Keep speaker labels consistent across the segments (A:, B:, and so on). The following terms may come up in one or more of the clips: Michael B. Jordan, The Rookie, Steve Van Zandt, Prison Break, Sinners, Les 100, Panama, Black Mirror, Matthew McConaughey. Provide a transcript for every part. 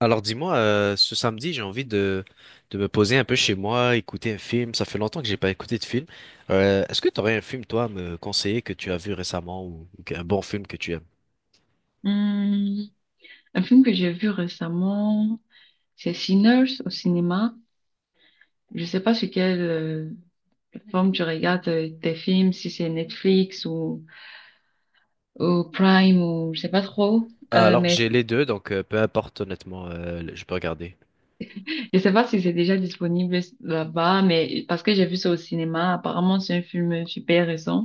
A: Alors dis-moi, ce samedi, j'ai envie de me poser un peu chez moi, écouter un film. Ça fait longtemps que j'ai pas écouté de film. Est-ce que tu aurais un film, toi, à me conseiller que tu as vu récemment ou un bon film que tu aimes?
B: Hum, un film que j'ai vu récemment, c'est Sinners au cinéma. Je sais pas sur quelle plateforme tu regardes tes films, si c'est Netflix ou Prime ou je sais pas trop.
A: Ah, alors
B: Mais
A: j'ai les deux, donc peu importe honnêtement, je peux regarder.
B: je sais pas si c'est déjà disponible là-bas, mais parce que j'ai vu ça au cinéma, apparemment c'est un film super récent.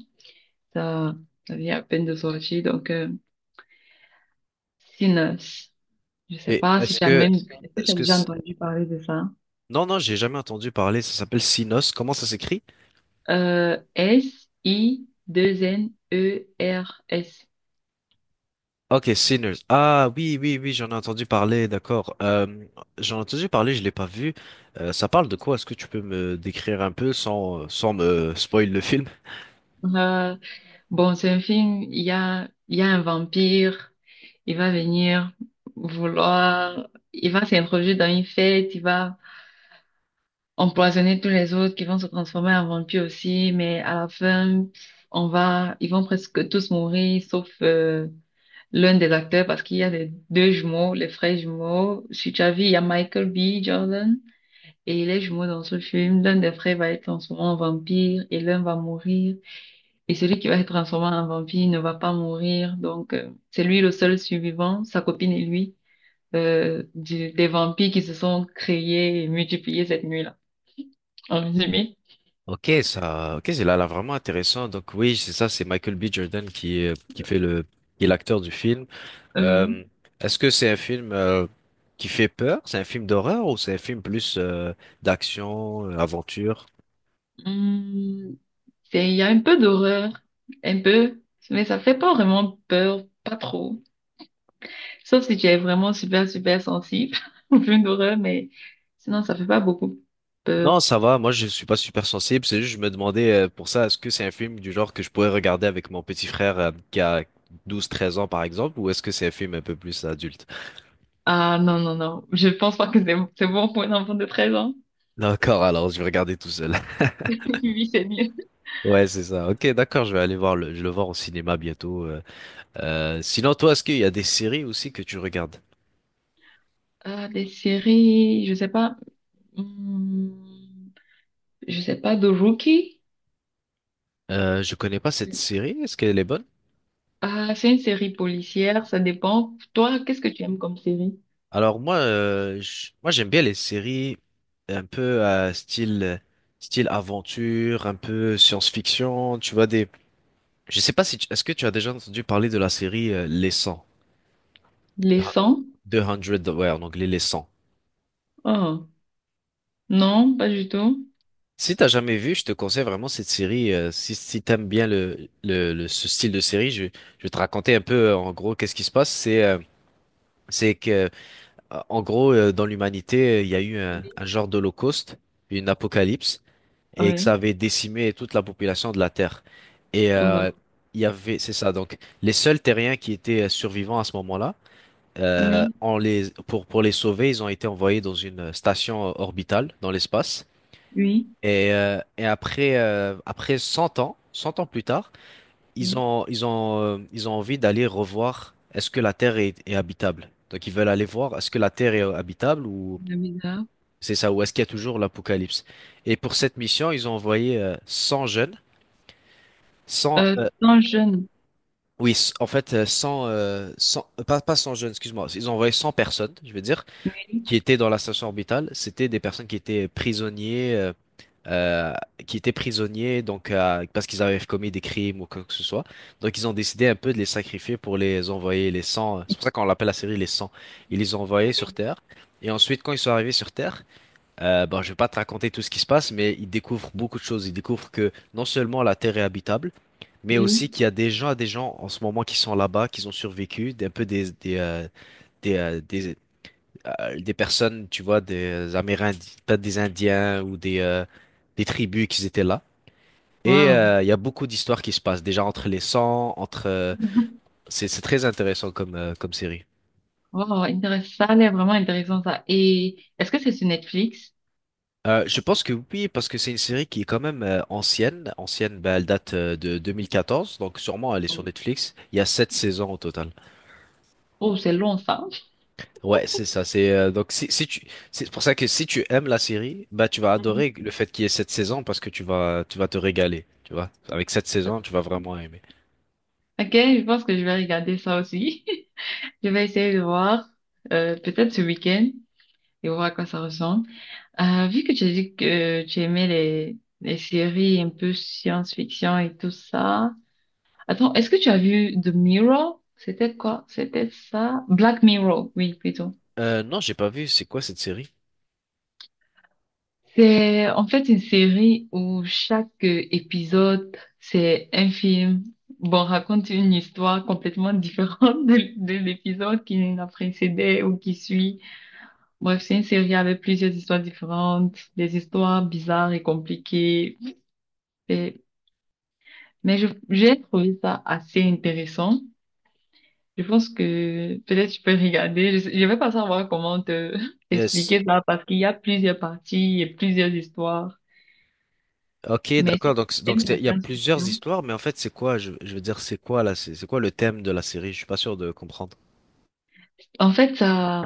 B: Ça, ça vient à peine de sortir, donc Sinners. Je sais
A: Et
B: pas si
A: est-ce
B: tu as
A: que,
B: même, est-ce que tu
A: est-ce
B: as
A: que,
B: déjà
A: c-
B: entendu parler de ça?
A: non, non, j'ai jamais entendu parler. Ça s'appelle Sinos. Comment ça s'écrit?
B: S-I-2-N-E-R-S.
A: Ok, Sinners. Ah, oui, oui, oui, j'en ai entendu parler, d'accord. J'en ai entendu parler, je l'ai pas vu. Ça parle de quoi? Est-ce que tu peux me décrire un peu sans me spoil le film?
B: Euh, bon, c'est un film, il y a un vampire, il va venir vouloir, il va s'introduire dans une fête, il va empoisonner tous les autres qui vont se transformer en vampires aussi, mais à la fin, ils vont presque tous mourir, sauf l'un des acteurs, parce qu'il y a les deux jumeaux, les frères jumeaux. Sur Chavi, il y a Michael B. Jordan. Et les jumeaux dans ce film, l'un des frères va être transformé en vampire et l'un va mourir. Et celui qui va être transformé en vampire ne va pas mourir. Donc, c'est lui le seul survivant, sa copine et lui, des vampires qui se sont créés et multipliés cette nuit-là. En résumé,
A: Ok, ça, ok, c'est là vraiment intéressant. Donc oui, c'est ça, c'est Michael B. Jordan qui est l'acteur du film.
B: oui.
A: Euh, Est-ce que c'est un film qui fait peur? C'est un film d'horreur ou c'est un film plus d'action, aventure?
B: Hum, il y a un peu d'horreur, un peu, mais ça fait pas vraiment peur, pas trop. Sauf si tu es vraiment super, super sensible au film d'horreur, mais sinon, ça fait pas beaucoup
A: Non,
B: peur.
A: ça va. Moi, je suis pas super sensible. C'est juste, je me demandais pour ça, est-ce que c'est un film du genre que je pourrais regarder avec mon petit frère qui a douze, treize ans, par exemple, ou est-ce que c'est un film un peu plus adulte?
B: Ah non, non, non. Je pense pas que c'est bon pour un enfant de treize ans.
A: D'accord, alors je vais regarder tout seul.
B: Oui, c'est mieux.
A: Ouais, c'est ça. Ok, d'accord, je vais aller je vais le voir au cinéma bientôt. Sinon, toi, est-ce qu'il y a des séries aussi que tu regardes?
B: Ah, des séries, je sais pas. Hmm, je sais pas, de Rookie.
A: Je connais pas cette série. Est-ce qu'elle est bonne?
B: Ah, c'est une série policière, ça dépend. Toi, qu'est-ce que tu aimes comme série?
A: Alors moi, j'aime bien les séries un peu style aventure, un peu science-fiction. Tu vois des Je sais pas si tu- est-ce que tu as déjà entendu parler de la série Les 100,
B: Les sangs.
A: 200, ouais, en anglais Les 100.
B: Oh, non, pas du tout.
A: Si t'as jamais vu, je te conseille vraiment cette série. Si t'aimes bien ce style de série, je vais te raconter un peu en gros qu'est-ce qui se passe. C'est que en gros dans l'humanité il y a eu un genre d'holocauste, une apocalypse, et que ça
B: Oui.
A: avait décimé toute la population de la Terre. Et,
B: Oh là.
A: il y avait, c'est ça. Donc les seuls terriens qui étaient survivants à ce moment-là,
B: Oui,
A: pour les sauver, ils ont été envoyés dans une station orbitale dans l'espace.
B: oui,
A: Et après, après 100 ans, 100 ans plus tard,
B: oui.
A: ils ont envie d'aller revoir est-ce que la Terre est habitable. Donc ils veulent aller voir est-ce que la Terre est habitable ou
B: C'est bizarre.
A: c'est ça, ou est-ce qu'il y a toujours l'apocalypse. Et pour cette mission, ils ont envoyé 100 jeunes, 100,
B: Euh, 100 jeunes.
A: oui, en fait, 100, 100 pas 100 jeunes, excuse-moi, ils ont envoyé 100 personnes, je veux dire.
B: Oui,
A: qui étaient dans la station orbitale, c'était des personnes euh, qui étaient prisonniers donc parce qu'ils avaient commis des crimes ou quoi que ce soit. Donc ils ont décidé un peu de les sacrifier pour les envoyer les 100. C'est pour ça qu'on l'appelle la série les 100. Ils les ont envoyés sur
B: oui.
A: Terre. Et ensuite, quand ils sont arrivés sur Terre, bon, je vais pas te raconter tout ce qui se passe, mais ils découvrent beaucoup de choses. Ils découvrent que non seulement la Terre est habitable, mais aussi
B: Oui.
A: qu'il y a des gens en ce moment qui sont là-bas, qui ont survécu, un peu des, euh, des, des personnes, tu vois, des Amérindiens, pas des Indiens ou des tribus qui étaient là.
B: Waouh.
A: Il y a beaucoup d'histoires qui se passent déjà entre les sangs, entre. C'est très intéressant comme comme série.
B: Wow, intéressant. Ça a l'air vraiment intéressant, ça. Et est-ce que c'est sur Netflix?
A: Je pense que oui, parce que c'est une série qui est quand même ancienne. Ancienne, ben, elle date de 2014, donc sûrement elle est sur Netflix. Il y a sept saisons au total.
B: Oh, c'est long, ça.
A: Ouais, c'est ça. C'est pour ça que si tu aimes la série, bah tu vas
B: Mhm.
A: adorer le fait qu'il y ait cette saison parce que tu vas te régaler, tu vois. Avec cette saison, tu vas vraiment aimer.
B: Ok, je pense que je vais regarder ça aussi. Je vais essayer de voir, peut-être ce week-end, et voir à quoi ça ressemble. Vu que tu as dit que tu aimais les séries un peu science-fiction et tout ça. Attends, est-ce que tu as vu The Mirror? C'était quoi? C'était ça? Black Mirror, oui, plutôt.
A: Non, j'ai pas vu. C'est quoi cette série?
B: C'est en fait une série où chaque épisode, c'est un film. Bon, raconte une histoire complètement différente de l'épisode qui l'a précédé ou qui suit. Bref, c'est une série avec plusieurs histoires différentes, des histoires bizarres et compliquées. Et- mais j'ai trouvé ça assez intéressant. Je pense que peut-être tu peux regarder. Je vais pas savoir comment te
A: Euh, c-
B: t'expliquer ça parce qu'il y a plusieurs parties et plusieurs histoires.
A: ok,
B: Mais si
A: d'accord.
B: tu aimes la
A: Il y a plusieurs
B: science-fiction,
A: histoires, mais en fait c'est quoi? Je veux dire c'est quoi là? C'est quoi le thème de la série? Je suis pas sûr de comprendre.
B: en fait,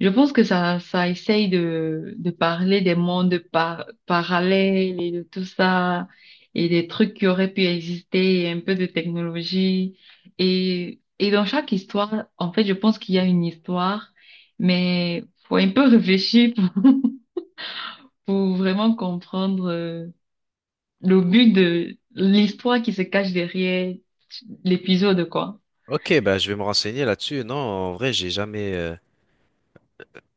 B: je pense que ça essaye de parler des mondes parallèles et de tout ça, et des trucs qui auraient pu exister, et un peu de technologie. Et dans chaque histoire, en fait, je pense qu'il y a une histoire, mais faut un peu réfléchir pour, pour vraiment comprendre le but de l'histoire qui se cache derrière l'épisode, quoi.
A: Ok, bah je vais me renseigner là-dessus. Non, en vrai, j'ai jamais. euh,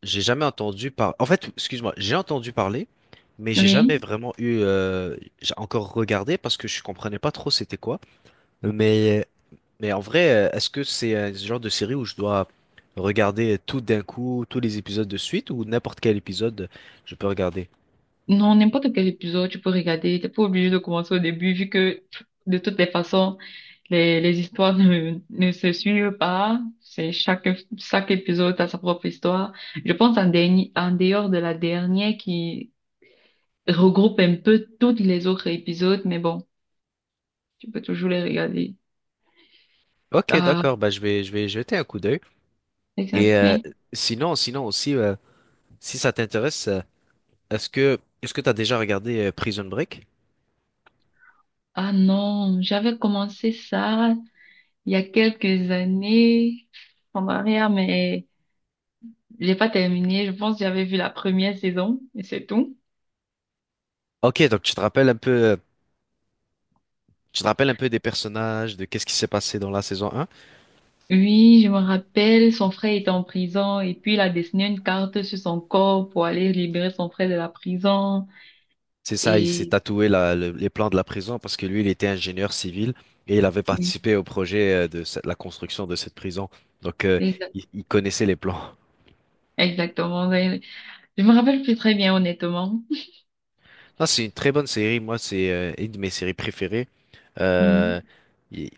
A: J'ai jamais entendu par... En fait, excuse-moi, j'ai entendu parler, mais j'ai jamais
B: Oui.
A: vraiment eu... J'ai encore regardé parce que je comprenais pas trop c'était quoi. Mais, mais en vrai, est-ce que c'est ce genre de série où je dois regarder tout d'un coup, tous les épisodes de suite, ou n'importe quel épisode, je peux regarder?
B: Non, n'importe quel épisode, tu peux regarder. T'es pas obligé de commencer au début, vu que pff, de toutes les façons, les histoires ne se suivent pas. Chaque épisode a sa propre histoire. Je pense en dernier, en dehors de la dernière qui regroupe un peu tous les autres épisodes, mais bon, tu peux toujours les regarder.
A: Ok,
B: Ah,
A: d'accord, bah je vais jeter un coup d'œil. Et euh,
B: exactement.
A: sinon aussi, si ça t'intéresse, est-ce que t'as déjà regardé Prison Break?
B: Ah non, j'avais commencé ça il y a quelques années en arrière, mais j'ai pas terminé, je pense que j'avais vu la première saison, mais c'est tout.
A: Ok, donc tu te rappelles un peu des personnages, de qu'est-ce qui s'est passé dans la saison un.
B: Oui, je me rappelle, son frère était en prison et puis il a dessiné une carte sur son corps pour aller libérer son frère de la prison.
A: C'est ça, il s'est
B: Et
A: tatoué les plans de la prison parce que lui, il était ingénieur civil et il avait
B: oui,
A: participé au projet la construction de cette prison. Donc,
B: exa-
A: il connaissait les plans.
B: exactement. Je me rappelle plus très bien, honnêtement.
A: Non, c'est une très bonne série. Moi, c'est une de mes séries préférées.
B: Mhm.
A: Euh, il-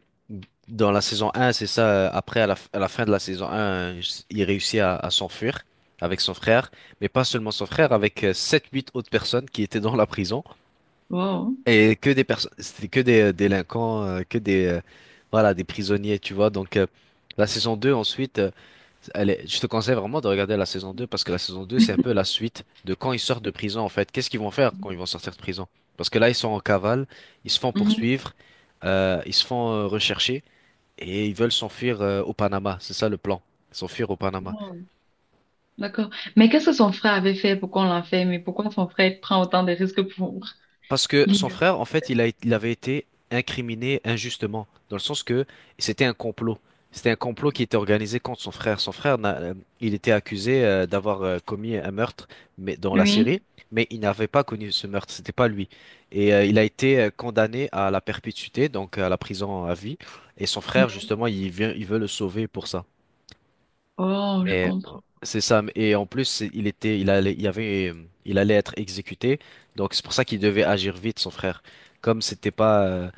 A: Dans la saison un, c'est ça. Après, à la fin de la saison un, il réussit à s'enfuir avec son frère, mais pas seulement son frère, avec sept, huit autres personnes qui étaient dans la prison.
B: Wow.
A: Et que des personnes, c'était que des délinquants, que des, voilà, des prisonniers, tu vois. Donc, la saison 2 ensuite, je te conseille vraiment de regarder la saison 2 parce que la saison 2 c'est un peu la suite de quand ils sortent de prison, en fait. Qu'est-ce qu'ils vont faire quand ils vont sortir de prison? Parce que là, ils sont en cavale, ils se font
B: Mhm.
A: poursuivre, ils se font rechercher et ils veulent s'enfuir au Panama. C'est ça le plan, s'enfuir au Panama.
B: Wow. D'accord. Mais qu'est-ce que son frère avait fait pour qu'on l'enferme et pourquoi son frère prend autant de risques pour
A: Parce que son
B: libérer?
A: frère, en fait, il avait été incriminé injustement, dans le sens que c'était un complot. C'était un complot qui était organisé contre son frère. Son frère, il était accusé d'avoir commis un meurtre mais, dans la
B: Oui.
A: série, mais il n'avait pas connu ce meurtre, c'était pas lui. Il a été condamné à la perpétuité, donc à la prison à vie. Et son frère,
B: Oui.
A: justement, il veut le sauver pour ça.
B: Oh, je
A: Mais
B: comprends.
A: c'est ça. Et en plus, c'est- il était, il allait, il y avait, il allait être exécuté. Donc c'est pour ça qu'il devait agir vite, son frère. Comme c'était pas,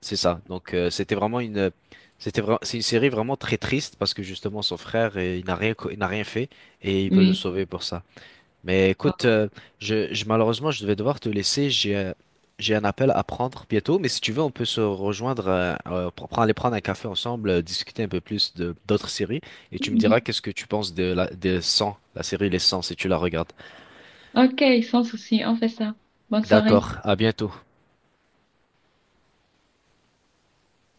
A: c'est ça. Donc c'était vraiment une, c'était vraiment, c'est une série vraiment très triste parce que justement son frère, il n'a rien fait et il veut le
B: Oui.
A: sauver pour ça. Mais écoute,
B: Wow.
A: malheureusement, je devais devoir te laisser. J'ai un appel à prendre bientôt, mais si tu veux, on peut se rejoindre, aller prendre un café ensemble, discuter un peu plus de d'autres séries, et tu me diras qu'est-ce que tu penses des 100, la série Les 100, si tu la regardes.
B: Ok, sans souci, on fait ça. Bonne soirée.
A: D'accord, à bientôt.